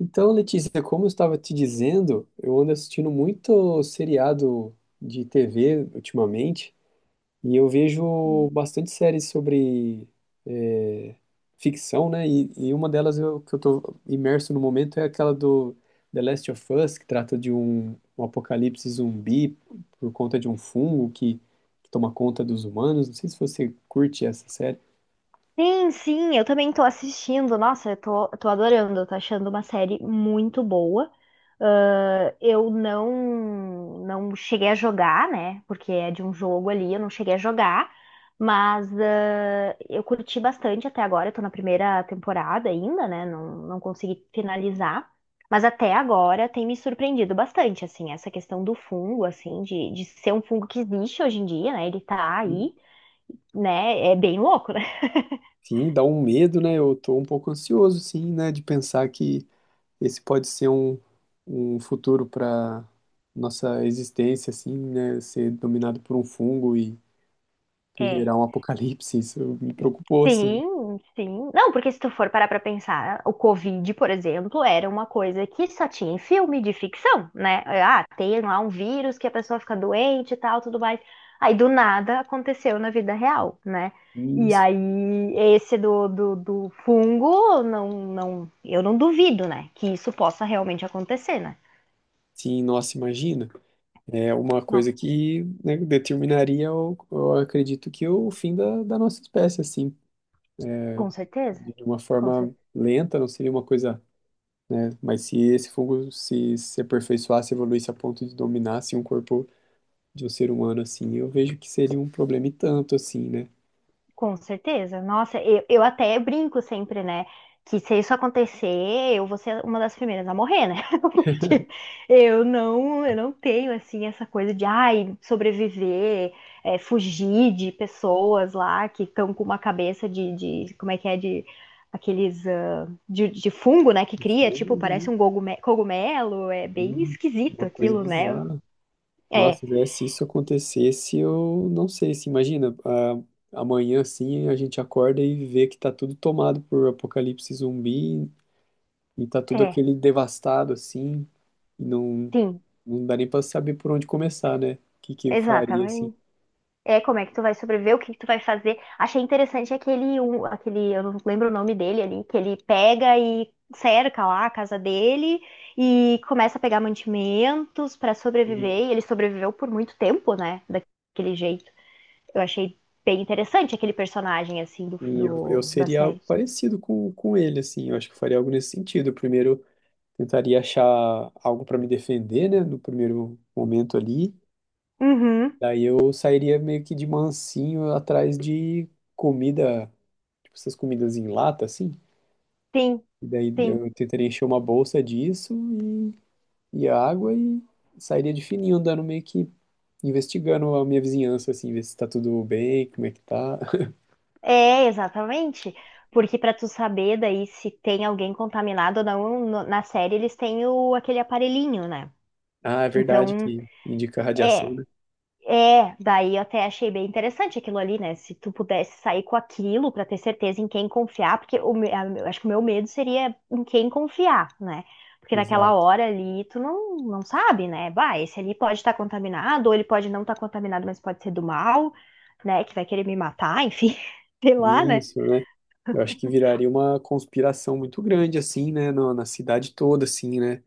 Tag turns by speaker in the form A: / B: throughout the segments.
A: Então, Letícia, como eu estava te dizendo, eu ando assistindo muito seriado de TV ultimamente e eu vejo bastante séries sobre é, ficção, né? E uma delas que eu estou imerso no momento é aquela do The Last of Us, que trata de um apocalipse zumbi por conta de um fungo que toma conta dos humanos. Não sei se você curte essa série.
B: Sim, sim, eu também tô assistindo. Nossa, eu tô adorando, eu tô achando uma série muito boa. Ah, eu não cheguei a jogar, né? Porque é de um jogo ali, eu não cheguei a jogar, mas eu curti bastante até agora. Eu tô na primeira temporada ainda, né? Não, não consegui finalizar. Mas até agora tem me surpreendido bastante, assim, essa questão do fungo, assim, de ser um fungo que existe hoje em dia, né? Ele tá aí, né? É bem louco, né?
A: Sim, dá um medo, né? Eu tô um pouco ansioso, sim, né, de pensar que esse pode ser um futuro para nossa existência, assim, né? Ser dominado por um fungo e
B: É.
A: gerar um apocalipse, isso me preocupou, assim.
B: Sim, sim. Não, porque se tu for parar pra pensar, o Covid, por exemplo, era uma coisa que só tinha em filme de ficção, né? Ah, tem lá um vírus que a pessoa fica doente e tal, tudo mais. Aí do nada aconteceu na vida real, né?
A: E
B: E
A: isso,
B: aí esse do fungo, não, não, eu não duvido, né? Que isso possa realmente acontecer, né?
A: sim, nossa, imagina. É uma
B: Não,
A: coisa que, né, determinaria, acredito que o fim da nossa espécie, assim,
B: com
A: de
B: certeza.
A: uma
B: Com
A: forma
B: certeza.
A: lenta, não seria uma coisa, né? Mas se esse fungo se aperfeiçoasse, evoluísse a ponto de dominar, assim, um corpo de um ser humano, assim, eu vejo que seria um problema e tanto, assim, né?
B: Com certeza. Nossa, eu até brinco sempre, né? Que se isso acontecer, eu vou ser uma das primeiras a morrer, né? Porque eu não tenho, assim, essa coisa de, ai, sobreviver, fugir de pessoas lá que estão com uma cabeça de, como é que é, de aqueles, de fungo, né? Que
A: Do
B: cria, tipo,
A: fogo,
B: parece
A: né?
B: um cogumelo. É bem
A: Hum,
B: esquisito
A: uma coisa
B: aquilo, né?
A: bizarra.
B: É,
A: Nossa, Zé, se isso acontecesse, eu não sei, se imagina, a amanhã assim a gente acorda e vê que tá tudo tomado por apocalipse zumbi e tá tudo
B: é,
A: aquele devastado assim, e não,
B: sim,
A: não dá nem pra saber por onde começar, né? O que que eu faria assim?
B: exatamente. É, como é que tu vai sobreviver, o que que tu vai fazer. Achei interessante aquele, um, aquele, eu não lembro o nome dele ali, que ele pega e cerca lá a casa dele e começa a pegar mantimentos pra sobreviver. E
A: E
B: ele sobreviveu por muito tempo, né? Daquele jeito. Eu achei bem interessante aquele personagem, assim,
A: eu
B: da
A: seria algo
B: série.
A: parecido com ele, assim, eu acho que eu faria algo nesse sentido. Eu primeiro, tentaria achar algo pra me defender, né, no primeiro momento ali.
B: Uhum,
A: Daí eu sairia meio que de mansinho atrás de comida, tipo essas comidas em lata, assim.
B: sim,
A: E daí
B: sim.
A: eu tentaria encher uma bolsa disso e água e sairia de fininho andando meio que investigando a minha vizinhança, assim, ver se tá tudo bem, como é que tá.
B: É, exatamente. Porque pra tu saber daí se tem alguém contaminado ou não, na série eles têm o, aquele aparelhinho, né?
A: Ah, é verdade
B: Então,
A: que indica radiação,
B: é,
A: né?
B: é, daí eu até achei bem interessante aquilo ali, né? Se tu pudesse sair com aquilo pra ter certeza em quem confiar, porque eu acho que o meu medo seria em quem confiar, né? Porque naquela
A: Exato.
B: hora ali tu não sabe, né? Bah, esse ali pode estar contaminado, ou ele pode não estar contaminado, mas pode ser do mal, né? Que vai querer me matar, enfim, sei lá, né?
A: Isso, né? Eu acho que viraria uma conspiração muito grande, assim, né? Na cidade toda, assim, né?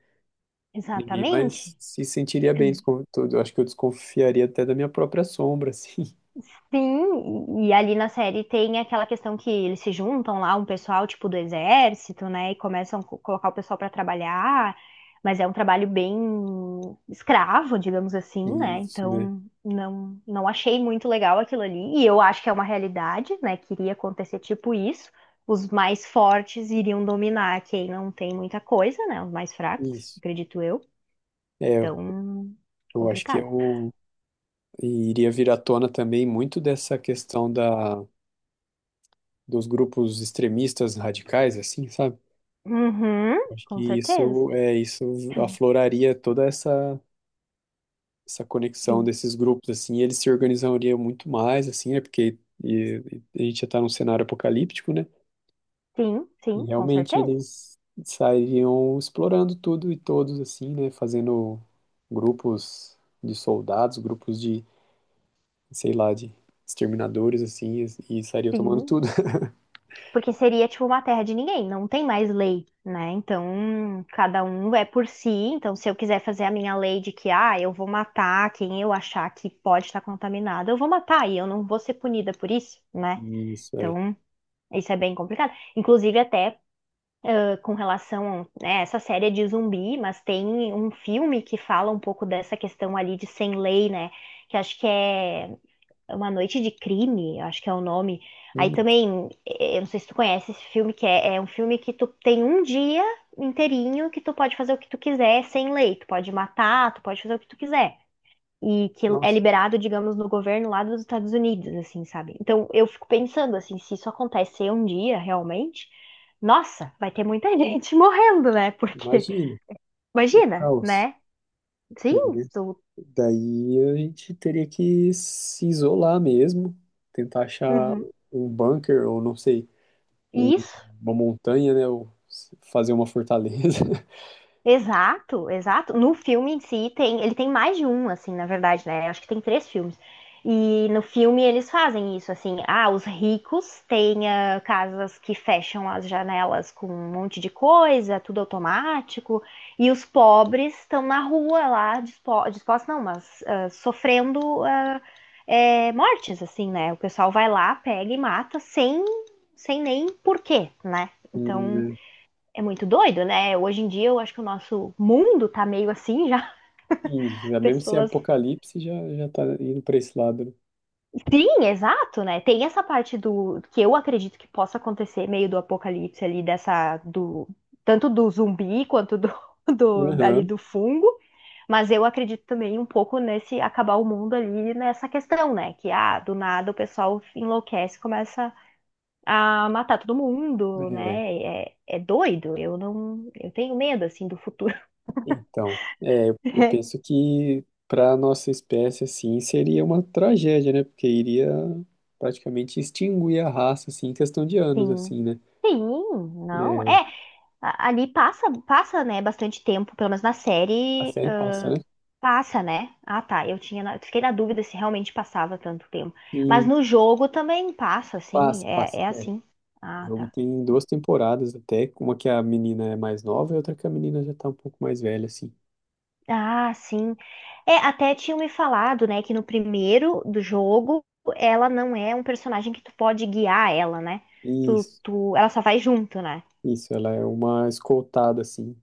A: Ninguém
B: Exatamente.
A: mais se sentiria bem com tudo. Eu acho que eu desconfiaria até da minha própria sombra, assim.
B: Sim, e ali na série tem aquela questão que eles se juntam lá, um pessoal tipo do exército, né, e começam a colocar o pessoal para trabalhar, mas é um trabalho bem escravo, digamos assim, né?
A: Isso, né?
B: Então, não achei muito legal aquilo ali, e eu acho que é uma realidade, né, que iria acontecer tipo isso. Os mais fortes iriam dominar quem não tem muita coisa, né? Os mais fracos,
A: Isso.
B: acredito eu.
A: É,
B: Então,
A: eu acho que
B: complicado.
A: eu iria vir à tona também muito dessa dos grupos extremistas radicais, assim, sabe?
B: Uhum,
A: Acho
B: com
A: que
B: certeza.
A: isso é isso afloraria toda essa conexão
B: Sim.
A: desses grupos, assim, e eles se organizariam muito mais, assim, né? E a gente já está num cenário apocalíptico, né?
B: Sim,
A: E
B: sim, com
A: realmente
B: certeza.
A: eles saíam explorando tudo e todos, assim, né? Fazendo grupos de soldados, grupos de, sei lá, de exterminadores, assim, e saíam tomando
B: Sim,
A: tudo.
B: porque seria tipo uma terra de ninguém, não tem mais lei, né? Então, cada um é por si. Então, se eu quiser fazer a minha lei de que, ah, eu vou matar quem eu achar que pode estar contaminado, eu vou matar e eu não vou ser punida por isso, né?
A: Isso, é.
B: Então, isso é bem complicado. Inclusive, até com relação a né, essa série é de zumbi, mas tem um filme que fala um pouco dessa questão ali de sem lei, né? Que acho que é. Uma Noite de Crime, acho que é o nome. Aí
A: Hum,
B: também, eu não sei se tu conhece esse filme, é um filme que tu tem um dia inteirinho que tu pode fazer o que tu quiser sem lei. Tu pode matar, tu pode fazer o que tu quiser. E que é
A: nossa,
B: liberado, digamos, no governo lá dos Estados Unidos, assim, sabe? Então eu fico pensando, assim, se isso acontecer um dia realmente, nossa, vai ter muita gente morrendo, né? Porque,
A: imagina, o
B: imagina,
A: caos.
B: né? Sim, tu.
A: Daí a gente teria que se isolar mesmo, tentar achar
B: Uhum.
A: um bunker, ou não sei, um-
B: Isso,
A: uma montanha, né? Ou fazer uma fortaleza.
B: exato, exato. No filme em si tem, ele tem mais de um, assim, na verdade, né? Acho que tem três filmes. E no filme eles fazem isso, assim, ah, os ricos têm casas que fecham as janelas com um monte de coisa, tudo automático, e os pobres estão na rua lá, dispostos, não, mas sofrendo mortes, assim, né? O pessoal vai lá, pega e mata sem, sem nem porquê, né?
A: E,
B: Então.
A: né,
B: É muito doido, né? Hoje em dia eu acho que o nosso mundo tá meio assim já.
A: sim, já mesmo sem
B: Pessoas.
A: apocalipse já tá indo para esse lado, né?
B: Sim, exato, né? Tem essa parte do que eu acredito que possa acontecer, meio do apocalipse ali, dessa. Do Tanto do zumbi quanto do, do ali
A: Aham.
B: do fungo. Mas eu acredito também um pouco nesse acabar o mundo ali nessa questão, né? Que do nada o pessoal enlouquece, começa a matar todo mundo,
A: É,
B: né? É, é doido. Eu não, eu tenho medo assim do futuro.
A: então, é, eu penso que para nossa espécie assim seria uma tragédia, né? Porque iria praticamente extinguir a raça assim em questão de anos
B: Sim.
A: assim, né?
B: Sim, não.
A: É,
B: É, ali passa, passa, né, bastante tempo, pelo menos na
A: a
B: série,
A: série passa, né?
B: passa, né? Ah, tá, eu tinha, fiquei na dúvida se realmente passava tanto tempo. Mas
A: E
B: no jogo também passa, assim,
A: passa,
B: é,
A: passa.
B: é
A: É,
B: assim.
A: o
B: Ah,
A: jogo
B: tá.
A: tem duas temporadas até, uma que a menina é mais nova e outra que a menina já tá um pouco mais velha assim.
B: Ah, sim. É, até tinham me falado, né, que no primeiro do jogo ela não é um personagem que tu pode guiar ela, né?
A: Isso,
B: Ela só vai junto, né?
A: isso, ela é uma escoltada assim.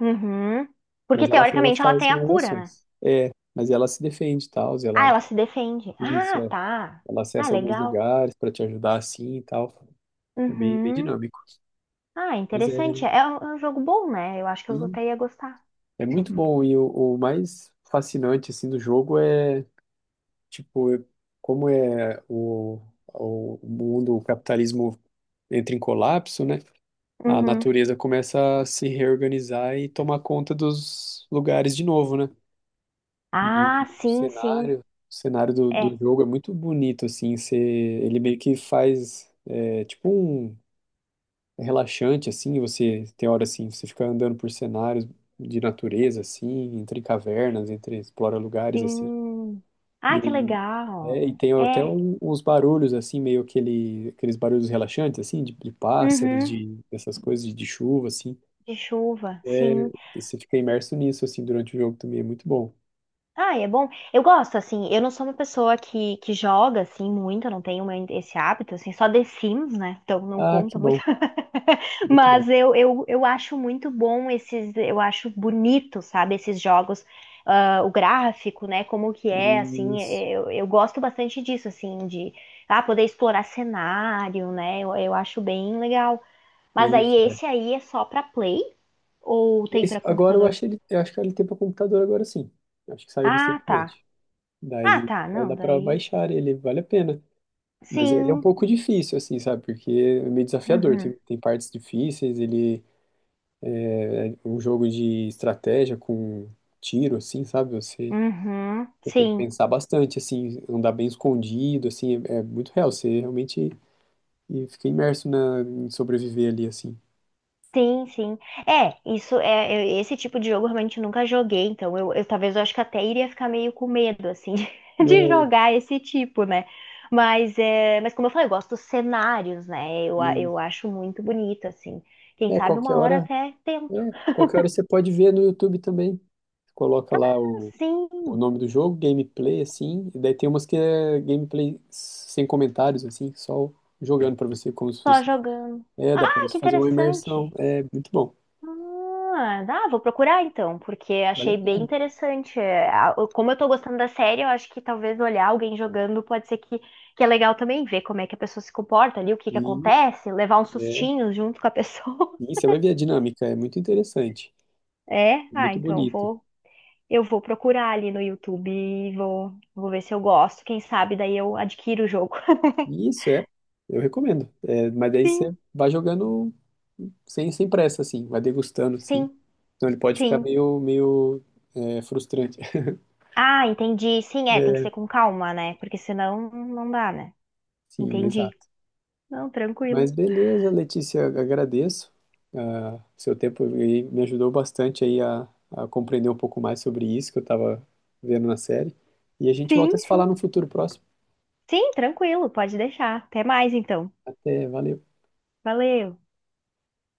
B: Uhum.
A: Mas
B: Porque
A: ela
B: teoricamente ela
A: faz
B: tem a
A: umas
B: cura, né?
A: ações. É, mas ela se defende e tal, e
B: Ah,
A: ela.
B: ela se defende.
A: Isso,
B: Ah,
A: é.
B: tá.
A: Ela
B: Ah,
A: acessa alguns
B: legal.
A: lugares para te ajudar assim e tal. É bem, bem
B: Uhum.
A: dinâmico.
B: Ah,
A: Mas é,
B: interessante. É um jogo bom, né? Eu acho que eu
A: e
B: até ia gostar.
A: é
B: Se eu-
A: muito bom. E o mais fascinante assim do jogo é, tipo, como é o mundo, o capitalismo entra em colapso, né? A
B: Uhum.
A: natureza começa a se reorganizar e tomar conta dos lugares de novo, né? E
B: Ah, sim, sim.
A: o cenário do, do
B: É.
A: jogo é muito bonito, assim, você, ele meio que faz, é, tipo um é relaxante, assim, você tem hora, assim, você fica andando por cenários de natureza, assim, entre cavernas, entre, explora lugares, assim,
B: Sim. Ah, que
A: e, é, e
B: legal.
A: tem até
B: É.
A: uns barulhos, assim, meio aquele, aqueles barulhos relaxantes, assim, de pássaros,
B: Uhum.
A: de, essas coisas, de chuva, assim,
B: De chuva,
A: é,
B: sim.
A: você fica imerso nisso, assim, durante o jogo também, é muito bom.
B: Ah, é bom. Eu gosto, assim. Eu não sou uma pessoa que joga, assim, muito. Eu não tenho esse hábito, assim. Só The Sims, né? Então não
A: Ah, que
B: conta muito.
A: bom, muito bom.
B: Mas eu acho muito bom esses, eu acho bonito, sabe, esses jogos, ah, o gráfico, né, como que é, assim,
A: Isso.
B: eu gosto bastante disso, assim, de poder explorar cenário, né, eu acho bem legal. Mas aí
A: Isso, é.
B: esse aí é só pra Play ou tem
A: Isso.
B: pra
A: Agora eu
B: computador?
A: acho ele, eu acho que ele tem para computador agora sim. Eu acho que saiu
B: Ah, tá.
A: recentemente.
B: Ah, tá,
A: Daí
B: não,
A: dá para
B: daí.
A: baixar ele, vale a pena. Mas ele é um
B: Sim.
A: pouco difícil, assim, sabe? Porque é meio desafiador.
B: Uhum.
A: Tem partes difíceis, ele é um jogo de estratégia com tiro, assim, sabe? Você,
B: Uhum.
A: você tem que
B: Sim.
A: pensar bastante, assim, andar bem escondido, assim, é, é muito real. Você realmente e fica imerso na, em sobreviver ali, assim.
B: Sim, sim. É, isso é, eu- esse tipo de jogo eu realmente nunca joguei, então eu talvez eu acho que até iria ficar meio com medo assim de
A: É,
B: jogar esse tipo, né? Mas é, mas como eu falei, eu gosto dos cenários, né?
A: e,
B: Eu acho muito bonito assim. Quem
A: é,
B: sabe
A: qualquer
B: uma hora
A: hora,
B: até tento.
A: é, qualquer hora você pode ver no YouTube também. Coloca lá o
B: Sim,
A: nome do jogo, gameplay, assim, e daí tem umas que é gameplay sem comentários, assim, só jogando pra você como se
B: só
A: fosse.
B: jogando.
A: É, dá pra
B: Ah,
A: você
B: que
A: fazer uma imersão.
B: interessante.
A: É muito bom.
B: Ah, dá, vou procurar então, porque
A: Vale a
B: achei bem
A: pena.
B: interessante. É, como eu tô gostando da série, eu acho que talvez olhar alguém jogando pode ser que é legal também ver como é que a pessoa se comporta ali, o que que
A: Isso,
B: acontece, levar uns
A: é.
B: sustinhos junto com a pessoa.
A: E você vai ver a dinâmica, é muito interessante.
B: É,
A: É
B: ah,
A: muito
B: então
A: bonito.
B: vou, eu vou procurar ali no YouTube e vou, vou ver se eu gosto. Quem sabe daí eu adquiro o jogo.
A: E isso é, eu recomendo. É, mas daí
B: Sim,
A: você vai jogando sem, sem pressa, assim, vai degustando, assim.
B: sim,
A: Então ele pode ficar
B: sim.
A: meio, meio frustrante.
B: Ah, entendi. Sim, é, tem que ser
A: É,
B: com calma, né? Porque senão não dá, né?
A: sim,
B: Entendi.
A: exato.
B: Não,
A: Mas
B: tranquilo.
A: beleza, Letícia, agradeço seu tempo aí me ajudou bastante aí a compreender um pouco mais sobre isso que eu estava vendo na série. E a gente
B: Sim,
A: volta a se falar
B: sim.
A: no futuro próximo.
B: Sim, tranquilo, pode deixar. Até mais então.
A: Até, valeu.
B: Valeu.